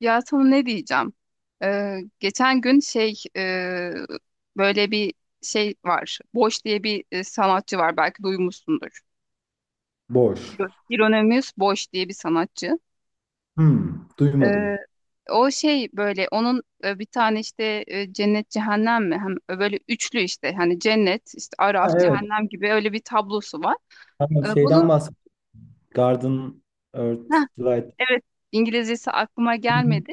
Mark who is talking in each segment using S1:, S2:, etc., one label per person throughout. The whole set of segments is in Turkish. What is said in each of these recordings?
S1: Ya sana ne diyeceğim? Geçen gün şey böyle bir şey var. Boş diye bir sanatçı var. Belki duymuşsundur.
S2: Boş.
S1: Hieronymus Boş diye bir sanatçı. Ee,
S2: Duymadım.
S1: O şey böyle onun bir tane işte cennet cehennem mi? Hem böyle üçlü işte hani cennet işte
S2: Ha,
S1: Araf
S2: evet.
S1: cehennem gibi öyle bir tablosu var.
S2: Tamam, şeyden
S1: Bunu
S2: bahsettik. Garden, Earth,
S1: Heh,
S2: Light.
S1: evet, İngilizcesi aklıma
S2: Dün-
S1: gelmedi.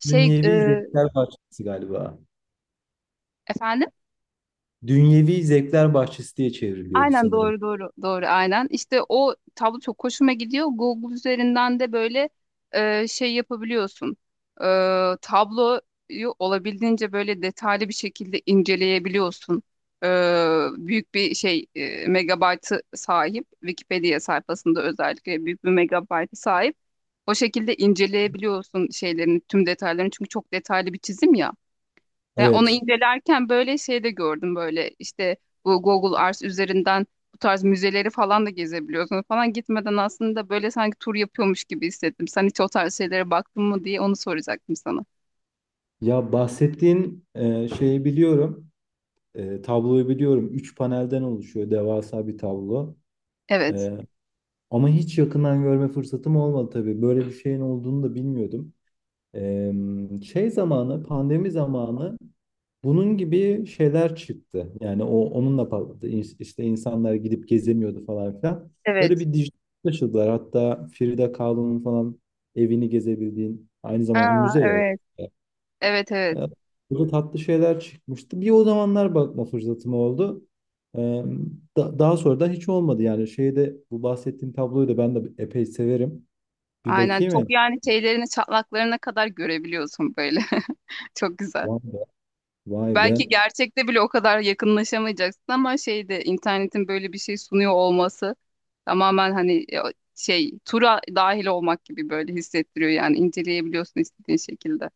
S1: Şey
S2: Dünyevi Zevkler Bahçesi galiba.
S1: efendim,
S2: Dünyevi Zevkler Bahçesi diye çevriliyordu
S1: aynen,
S2: sanırım.
S1: doğru doğru doğru, aynen. İşte o tablo çok hoşuma gidiyor. Google üzerinden de böyle şey yapabiliyorsun. E, Tabloyu olabildiğince böyle detaylı bir şekilde inceleyebiliyorsun. E, Büyük bir şey megabaytı sahip. Wikipedia sayfasında özellikle büyük bir megabaytı sahip. O şekilde inceleyebiliyorsun şeylerin tüm detaylarını. Çünkü çok detaylı bir çizim ya. Ya onu
S2: Evet.
S1: incelerken böyle şey de gördüm, böyle işte bu Google Earth üzerinden bu tarz müzeleri falan da gezebiliyorsunuz falan, gitmeden, aslında böyle sanki tur yapıyormuş gibi hissettim. Sen hiç o tarz şeylere baktın mı diye onu soracaktım sana.
S2: Ya bahsettiğin şeyi biliyorum. Tabloyu biliyorum. Üç panelden oluşuyor devasa bir tablo.
S1: Evet.
S2: E, Ama hiç yakından görme fırsatım olmadı tabii. Böyle bir şeyin olduğunu da bilmiyordum. E, Şey zamanı, pandemi zamanı bunun gibi şeyler çıktı. Yani o onunla patladı. İşte insanlar gidip gezemiyordu falan filan. Böyle
S1: Evet.
S2: bir dijital taşıdılar. Hatta Frida Kahlo'nun falan evini gezebildiğin aynı zamanda
S1: Aa,
S2: müze ya, orası.
S1: evet. Evet, evet.
S2: Ee, Burada tatlı şeyler çıkmıştı. Bir o zamanlar bakma fırsatım oldu. Ee, Daha sonra da hiç olmadı. Yani şeyde bu bahsettiğim tabloyu da ben de epey severim. Bir
S1: Aynen,
S2: bakayım ya.
S1: çok yani şeylerini çatlaklarına kadar görebiliyorsun böyle. Çok güzel.
S2: Vay be. Vay be.
S1: Belki gerçekte bile o kadar yakınlaşamayacaksın ama şeyde internetin böyle bir şey sunuyor olması tamamen, hani şey tura dahil olmak gibi böyle hissettiriyor yani, inceleyebiliyorsun istediğin şekilde.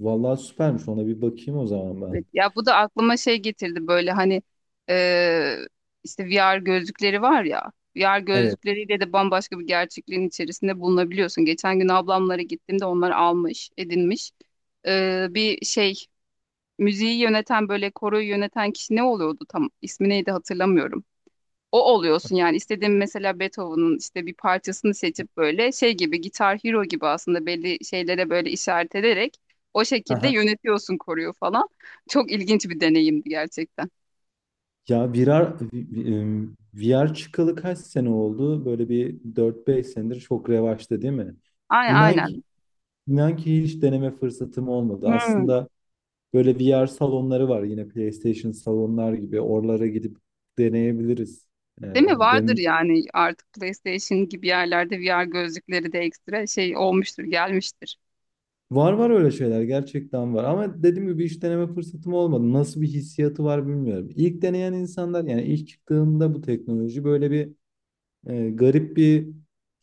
S2: Vallahi süpermiş. Ona bir bakayım o zaman
S1: Evet,
S2: ben.
S1: ya bu da aklıma şey getirdi, böyle hani e, işte VR gözlükleri var ya, VR
S2: Evet.
S1: gözlükleriyle de bambaşka bir gerçekliğin içerisinde bulunabiliyorsun. Geçen gün ablamlara gittiğimde onlar almış, edinmiş bir şey, müziği yöneten, böyle koroyu yöneten kişi ne oluyordu, tam ismi neydi hatırlamıyorum. O oluyorsun yani, istediğin mesela Beethoven'ın işte bir parçasını seçip böyle şey gibi, Gitar Hero gibi aslında belli şeylere böyle işaret ederek o şekilde yönetiyorsun koruyu falan. Çok ilginç bir deneyimdi gerçekten.
S2: Ya VR, VR çıkalı kaç sene oldu? Böyle bir dört beş senedir çok revaçta değil mi?
S1: Aynen,
S2: İnan
S1: aynen.
S2: ki, inan ki, hiç deneme fırsatım olmadı.
S1: Hmm.
S2: Aslında böyle VR salonları var yine PlayStation salonlar gibi. Oralara gidip deneyebiliriz. Ee,
S1: Değil mi? Vardır
S2: den-
S1: yani, artık PlayStation gibi yerlerde VR gözlükleri de ekstra şey olmuştur, gelmiştir.
S2: Var var, öyle şeyler gerçekten var. Ama dediğim gibi hiç deneme fırsatım olmadı. Nasıl bir hissiyatı var bilmiyorum. İlk deneyen insanlar, yani ilk çıktığında bu teknoloji, böyle bir garip bir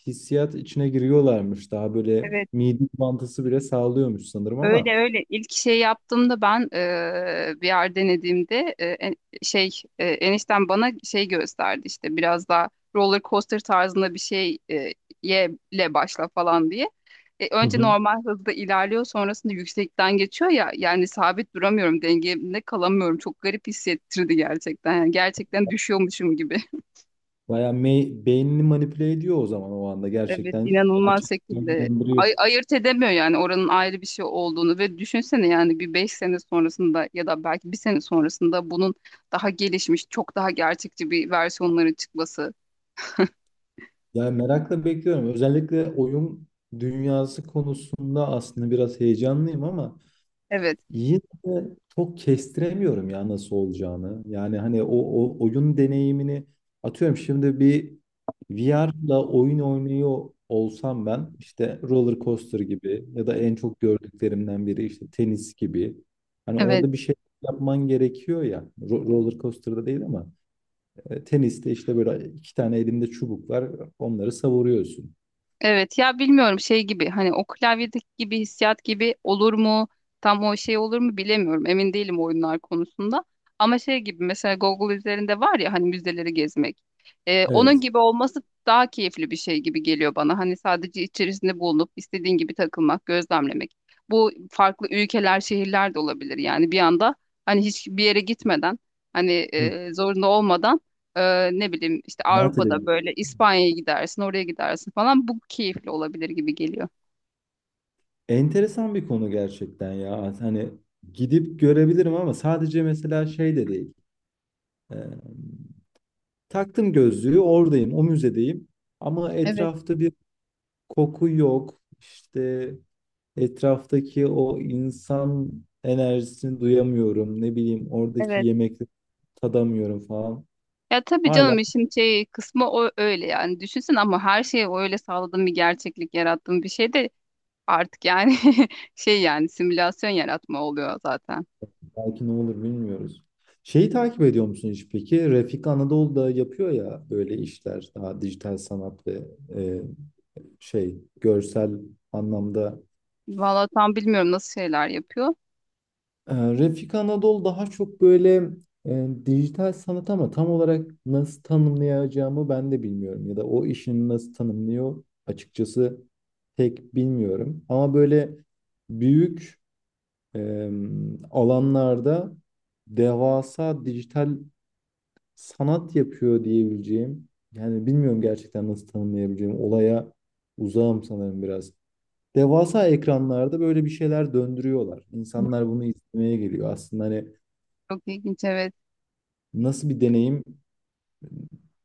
S2: hissiyat içine giriyorlarmış. Daha böyle
S1: Evet.
S2: mide bulantısı bile sağlıyormuş sanırım ama
S1: Öyle öyle, ilk şey yaptığımda ben bir yer denediğimde şey enişten bana şey gösterdi, işte biraz daha roller coaster tarzında bir şey, ye ile başla falan diye.
S2: hı
S1: Önce
S2: hı,
S1: normal hızda ilerliyor, sonrasında yüksekten geçiyor ya, yani sabit duramıyorum, dengemde kalamıyorum, çok garip hissettirdi gerçekten, yani gerçekten düşüyormuşum gibi.
S2: bayağı beynini manipüle ediyor o zaman o anda,
S1: Evet,
S2: gerçekten
S1: inanılmaz
S2: gerçekten
S1: şekilde
S2: gerçekleştiriyor.
S1: ayırt edemiyor yani, oranın ayrı bir şey olduğunu. Ve düşünsene yani bir beş sene sonrasında ya da belki bir sene sonrasında bunun daha gelişmiş, çok daha gerçekçi bir versiyonların çıkması.
S2: Yani merakla bekliyorum. Özellikle oyun dünyası konusunda aslında biraz heyecanlıyım ama
S1: Evet.
S2: yine de çok kestiremiyorum ya nasıl olacağını. Yani hani o oyun deneyimini, atıyorum şimdi bir VR'la oyun oynuyor olsam ben, işte roller coaster gibi ya da en çok gördüklerimden biri işte tenis gibi. Hani
S1: Evet.
S2: orada bir şey yapman gerekiyor ya. Roller coaster'da değil ama teniste işte böyle iki tane elinde çubuk var. Onları savuruyorsun.
S1: Evet ya, bilmiyorum, şey gibi hani o klavyedeki gibi hissiyat gibi olur mu, tam o şey olur mu bilemiyorum, emin değilim oyunlar konusunda. Ama şey gibi mesela Google üzerinde var ya hani, müzeleri gezmek, onun
S2: Evet.
S1: gibi olması daha keyifli bir şey gibi geliyor bana. Hani sadece içerisinde bulunup istediğin gibi takılmak, gözlemlemek, bu farklı ülkeler, şehirler de olabilir yani, bir anda hani hiç bir yere gitmeden, hani
S2: Hı.
S1: zorunda olmadan, ne bileyim işte
S2: Seyahat.
S1: Avrupa'da böyle İspanya'ya gidersin, oraya gidersin falan. Bu keyifli olabilir gibi geliyor.
S2: Enteresan bir konu gerçekten ya. Hani gidip görebilirim ama sadece mesela şey de değil. Ee, Taktım gözlüğü, oradayım, o müzedeyim. Ama
S1: Evet,
S2: etrafta bir koku yok. İşte etraftaki o insan enerjisini duyamıyorum. Ne bileyim oradaki
S1: evet.
S2: yemekleri tadamıyorum falan.
S1: Ya tabii
S2: Hala
S1: canım, işin şey kısmı o, öyle yani düşünsün. Ama her şeye o öyle sağladığım bir gerçeklik, yarattığım bir şey de artık yani. Şey yani simülasyon yaratma oluyor zaten.
S2: belki ne olur bilmiyoruz. Şeyi takip ediyor musun hiç peki? Refik Anadolu'da yapıyor ya böyle işler, daha dijital sanat ve e, şey, görsel anlamda.
S1: Vallahi tam bilmiyorum nasıl şeyler yapıyor.
S2: Refik Anadol daha çok böyle dijital sanat, ama tam olarak nasıl tanımlayacağımı ben de bilmiyorum. Ya da o işini nasıl tanımlıyor açıkçası pek bilmiyorum. Ama böyle büyük e, alanlarda devasa dijital sanat yapıyor diyebileceğim. Yani bilmiyorum gerçekten nasıl tanımlayabileceğim. Olaya uzağım sanırım biraz. Devasa ekranlarda böyle bir şeyler döndürüyorlar. İnsanlar bunu izlemeye geliyor. Aslında hani
S1: Çok ilginç, evet.
S2: nasıl bir deneyim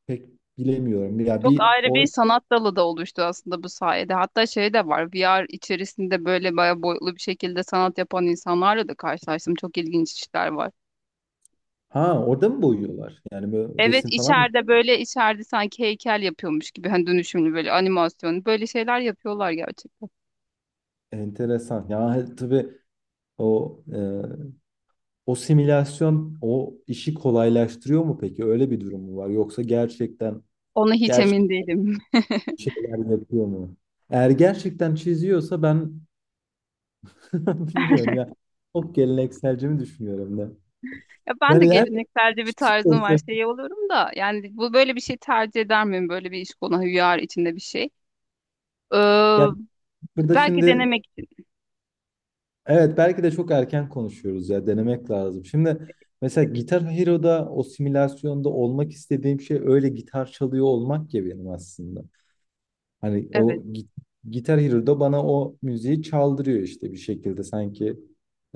S2: pek bilemiyorum. Ya
S1: Çok
S2: bir
S1: ayrı
S2: o,
S1: bir sanat dalı da oluştu aslında bu sayede. Hatta şey de var, VR içerisinde böyle bayağı boyutlu bir şekilde sanat yapan insanlarla da karşılaştım. Çok ilginç işler var.
S2: ha, orada mı boyuyorlar? Yani böyle
S1: Evet,
S2: resim falan mı?
S1: içeride böyle, içeride sanki heykel yapıyormuş gibi, hani dönüşümlü böyle animasyon böyle şeyler yapıyorlar gerçekten.
S2: Enteresan. Ya tabii o e, o simülasyon o işi kolaylaştırıyor mu peki? Öyle bir durum mu var? Yoksa gerçekten
S1: Ona hiç
S2: gerçek
S1: emin değilim.
S2: şeyler yapıyor mu? Eğer gerçekten çiziyorsa ben bilmiyorum ya. Çok gelenekselci mi düşünüyorum da.
S1: Ya ben de
S2: Yani her
S1: gelenekselce bir tarzım var,
S2: olsa-
S1: şey oluyorum da yani, bu böyle bir şey tercih eder miyim, böyle bir iş, konu VR içinde bir şey. Ee,
S2: yani burada
S1: Belki
S2: şimdi
S1: denemek için.
S2: evet, belki de çok erken konuşuyoruz ya, denemek lazım. Şimdi mesela Gitar Hero'da o simülasyonda olmak istediğim şey, öyle gitar çalıyor olmak ya benim aslında. Hani
S1: Evet.
S2: o gi- Gitar Hero'da bana o müziği çaldırıyor işte bir şekilde, sanki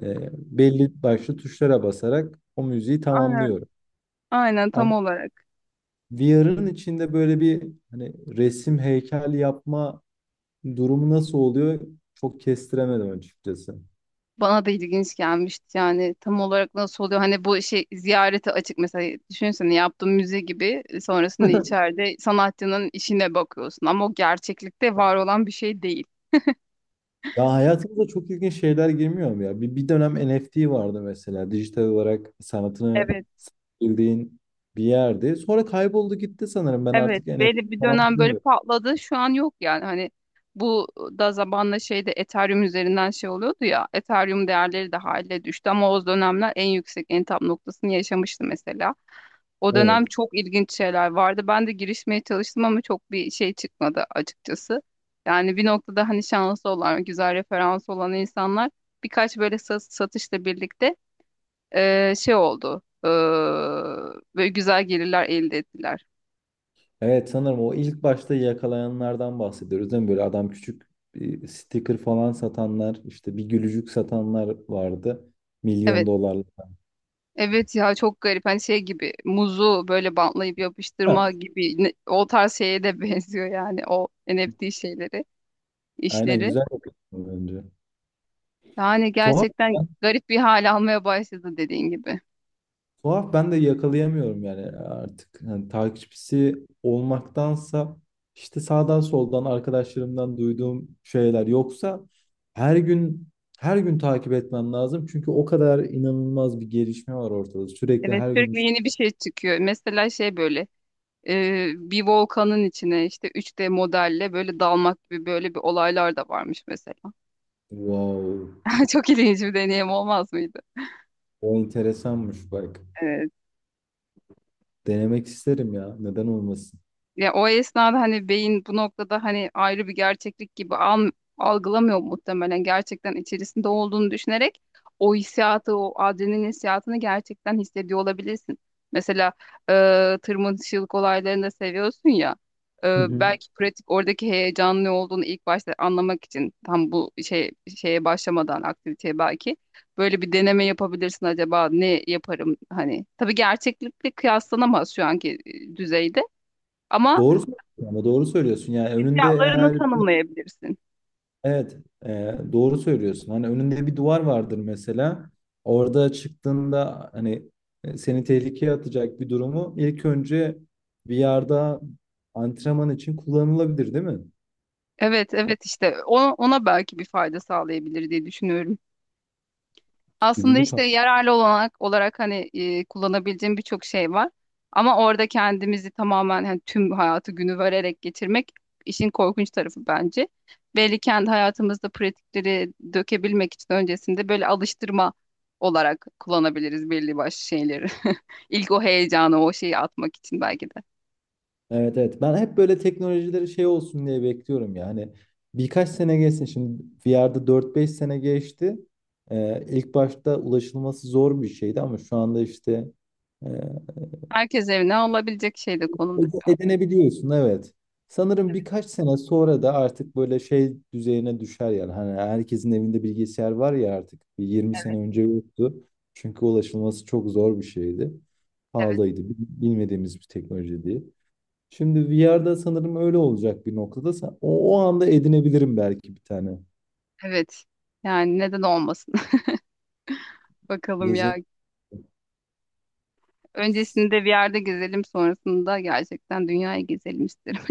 S2: belli başlı tuşlara basarak o müziği
S1: Aynen.
S2: tamamlıyorum.
S1: Aynen
S2: Ama
S1: tam olarak.
S2: VR'ın içinde böyle bir, hani resim heykel yapma durumu nasıl oluyor çok kestiremedim açıkçası.
S1: Bana da ilginç gelmişti yani, tam olarak nasıl oluyor hani, bu şey ziyarete açık mesela, düşünsene yaptığın müze gibi, sonrasında içeride sanatçının işine bakıyorsun ama o gerçeklikte var olan bir şey değil.
S2: Ya hayatımıza çok ilginç şeyler girmiyor mu ya? Bir dönem NFT vardı mesela. Dijital olarak sanatını
S1: Evet.
S2: bildiğin bir yerdi. Sonra kayboldu gitti sanırım. Ben
S1: Evet,
S2: artık
S1: belli
S2: NFT
S1: bir
S2: falan
S1: dönem böyle
S2: duymuyorum.
S1: patladı. Şu an yok yani, hani bu da zamanla şeyde Ethereum üzerinden şey oluyordu ya. Ethereum değerleri de hale düştü ama o dönemler en yüksek, en tam noktasını yaşamıştı mesela. O dönem
S2: Evet.
S1: çok ilginç şeyler vardı. Ben de girişmeye çalıştım ama çok bir şey çıkmadı açıkçası. Yani bir noktada hani şanslı olan, güzel referans olan insanlar birkaç böyle satışla birlikte şey oldu. Böyle güzel gelirler elde ettiler.
S2: Evet, sanırım o ilk başta yakalayanlardan bahsediyoruz değil mi? Böyle adam küçük bir sticker falan satanlar, işte bir gülücük satanlar vardı. Milyon
S1: Evet.
S2: dolarlık.
S1: Evet ya, çok garip. Hani şey gibi, muzu böyle bantlayıp
S2: Ha,
S1: yapıştırma gibi o tarz şeye de benziyor yani, o NFT şeyleri,
S2: aynen,
S1: işleri.
S2: güzel bakıyorsun önce.
S1: Yani
S2: Tuhaf
S1: gerçekten garip bir hal almaya başladı, dediğin gibi.
S2: Tuhaf, ben de yakalayamıyorum yani artık. Hani takipçisi olmaktansa işte sağdan soldan arkadaşlarımdan duyduğum şeyler, yoksa her gün her gün takip etmem lazım. Çünkü o kadar inanılmaz bir gelişme var ortada. Sürekli
S1: Evet,
S2: her gün bir
S1: sürekli
S2: şey.
S1: yeni bir şey çıkıyor. Mesela şey böyle, bir volkanın içine işte 3D modelle böyle dalmak gibi böyle bir olaylar da varmış mesela.
S2: Wow,
S1: Çok ilginç bir deneyim olmaz mıydı?
S2: o enteresanmış bak. Denemek isterim ya. Neden olmasın?
S1: Ya o esnada hani beyin bu noktada hani ayrı bir gerçeklik gibi algılamıyor muhtemelen. Gerçekten içerisinde olduğunu düşünerek o hissiyatı, o adrenalin hissiyatını gerçekten hissediyor olabilirsin. Mesela e, tırmanışçılık olaylarını da seviyorsun ya.
S2: Hı hı.
S1: Belki pratik, oradaki heyecanlı olduğunu ilk başta anlamak için, tam bu şey, şeye başlamadan aktiviteye, belki böyle bir deneme yapabilirsin acaba, ne yaparım hani. Tabii gerçeklikle kıyaslanamaz şu anki düzeyde. Ama
S2: Doğru söylüyorsun. Yani önünde
S1: fiyatlarını
S2: eğer,
S1: tanımlayabilirsin.
S2: evet, doğru söylüyorsun. Hani önünde bir duvar vardır mesela. Orada çıktığında hani seni tehlikeye atacak bir durumu ilk önce bir yerde antrenman için kullanılabilir, değil mi?
S1: Evet, evet, işte ona belki bir fayda sağlayabilir diye düşünüyorum. Aslında
S2: İlginç
S1: işte
S2: o.
S1: yararlı olanak olarak hani kullanabileceğim birçok şey var. Ama orada kendimizi tamamen hani tüm hayatı günü vererek geçirmek işin korkunç tarafı bence. Belli kendi hayatımızda pratikleri dökebilmek için öncesinde böyle alıştırma olarak kullanabiliriz belli başlı şeyleri. İlk o heyecanı, o şeyi atmak için belki de.
S2: Evet, evet. Ben hep böyle teknolojileri şey olsun diye bekliyorum ya. Hani birkaç sene geçsin. Şimdi VR'da dört beş sene geçti. İlk başta ulaşılması zor bir şeydi ama şu anda işte e,
S1: Herkes evine alabilecek şey de konumda.
S2: Edinebiliyorsun, evet. Sanırım birkaç sene sonra da artık böyle şey düzeyine düşer yani. Hani herkesin evinde bilgisayar var ya artık. Bir 20 sene önce yoktu. Çünkü ulaşılması çok zor bir şeydi.
S1: Evet.
S2: Pahalıydı. Bilmediğimiz bir teknoloji diye. Şimdi VR'da sanırım öyle olacak bir noktada. O anda edinebilirim belki bir tane.
S1: Evet. Yani neden olmasın? Bakalım ya.
S2: Gezi.
S1: Öncesinde bir yerde gezelim, sonrasında gerçekten dünyayı gezelim isterim.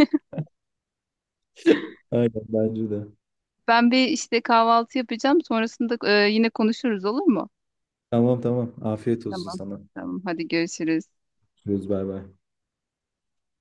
S2: Aynen bence de.
S1: Ben bir işte kahvaltı yapacağım, sonrasında yine konuşuruz, olur mu?
S2: Tamam tamam. Afiyet olsun
S1: Tamam.
S2: sana.
S1: Tamam. Hadi görüşürüz.
S2: Görüşürüz, bay bay.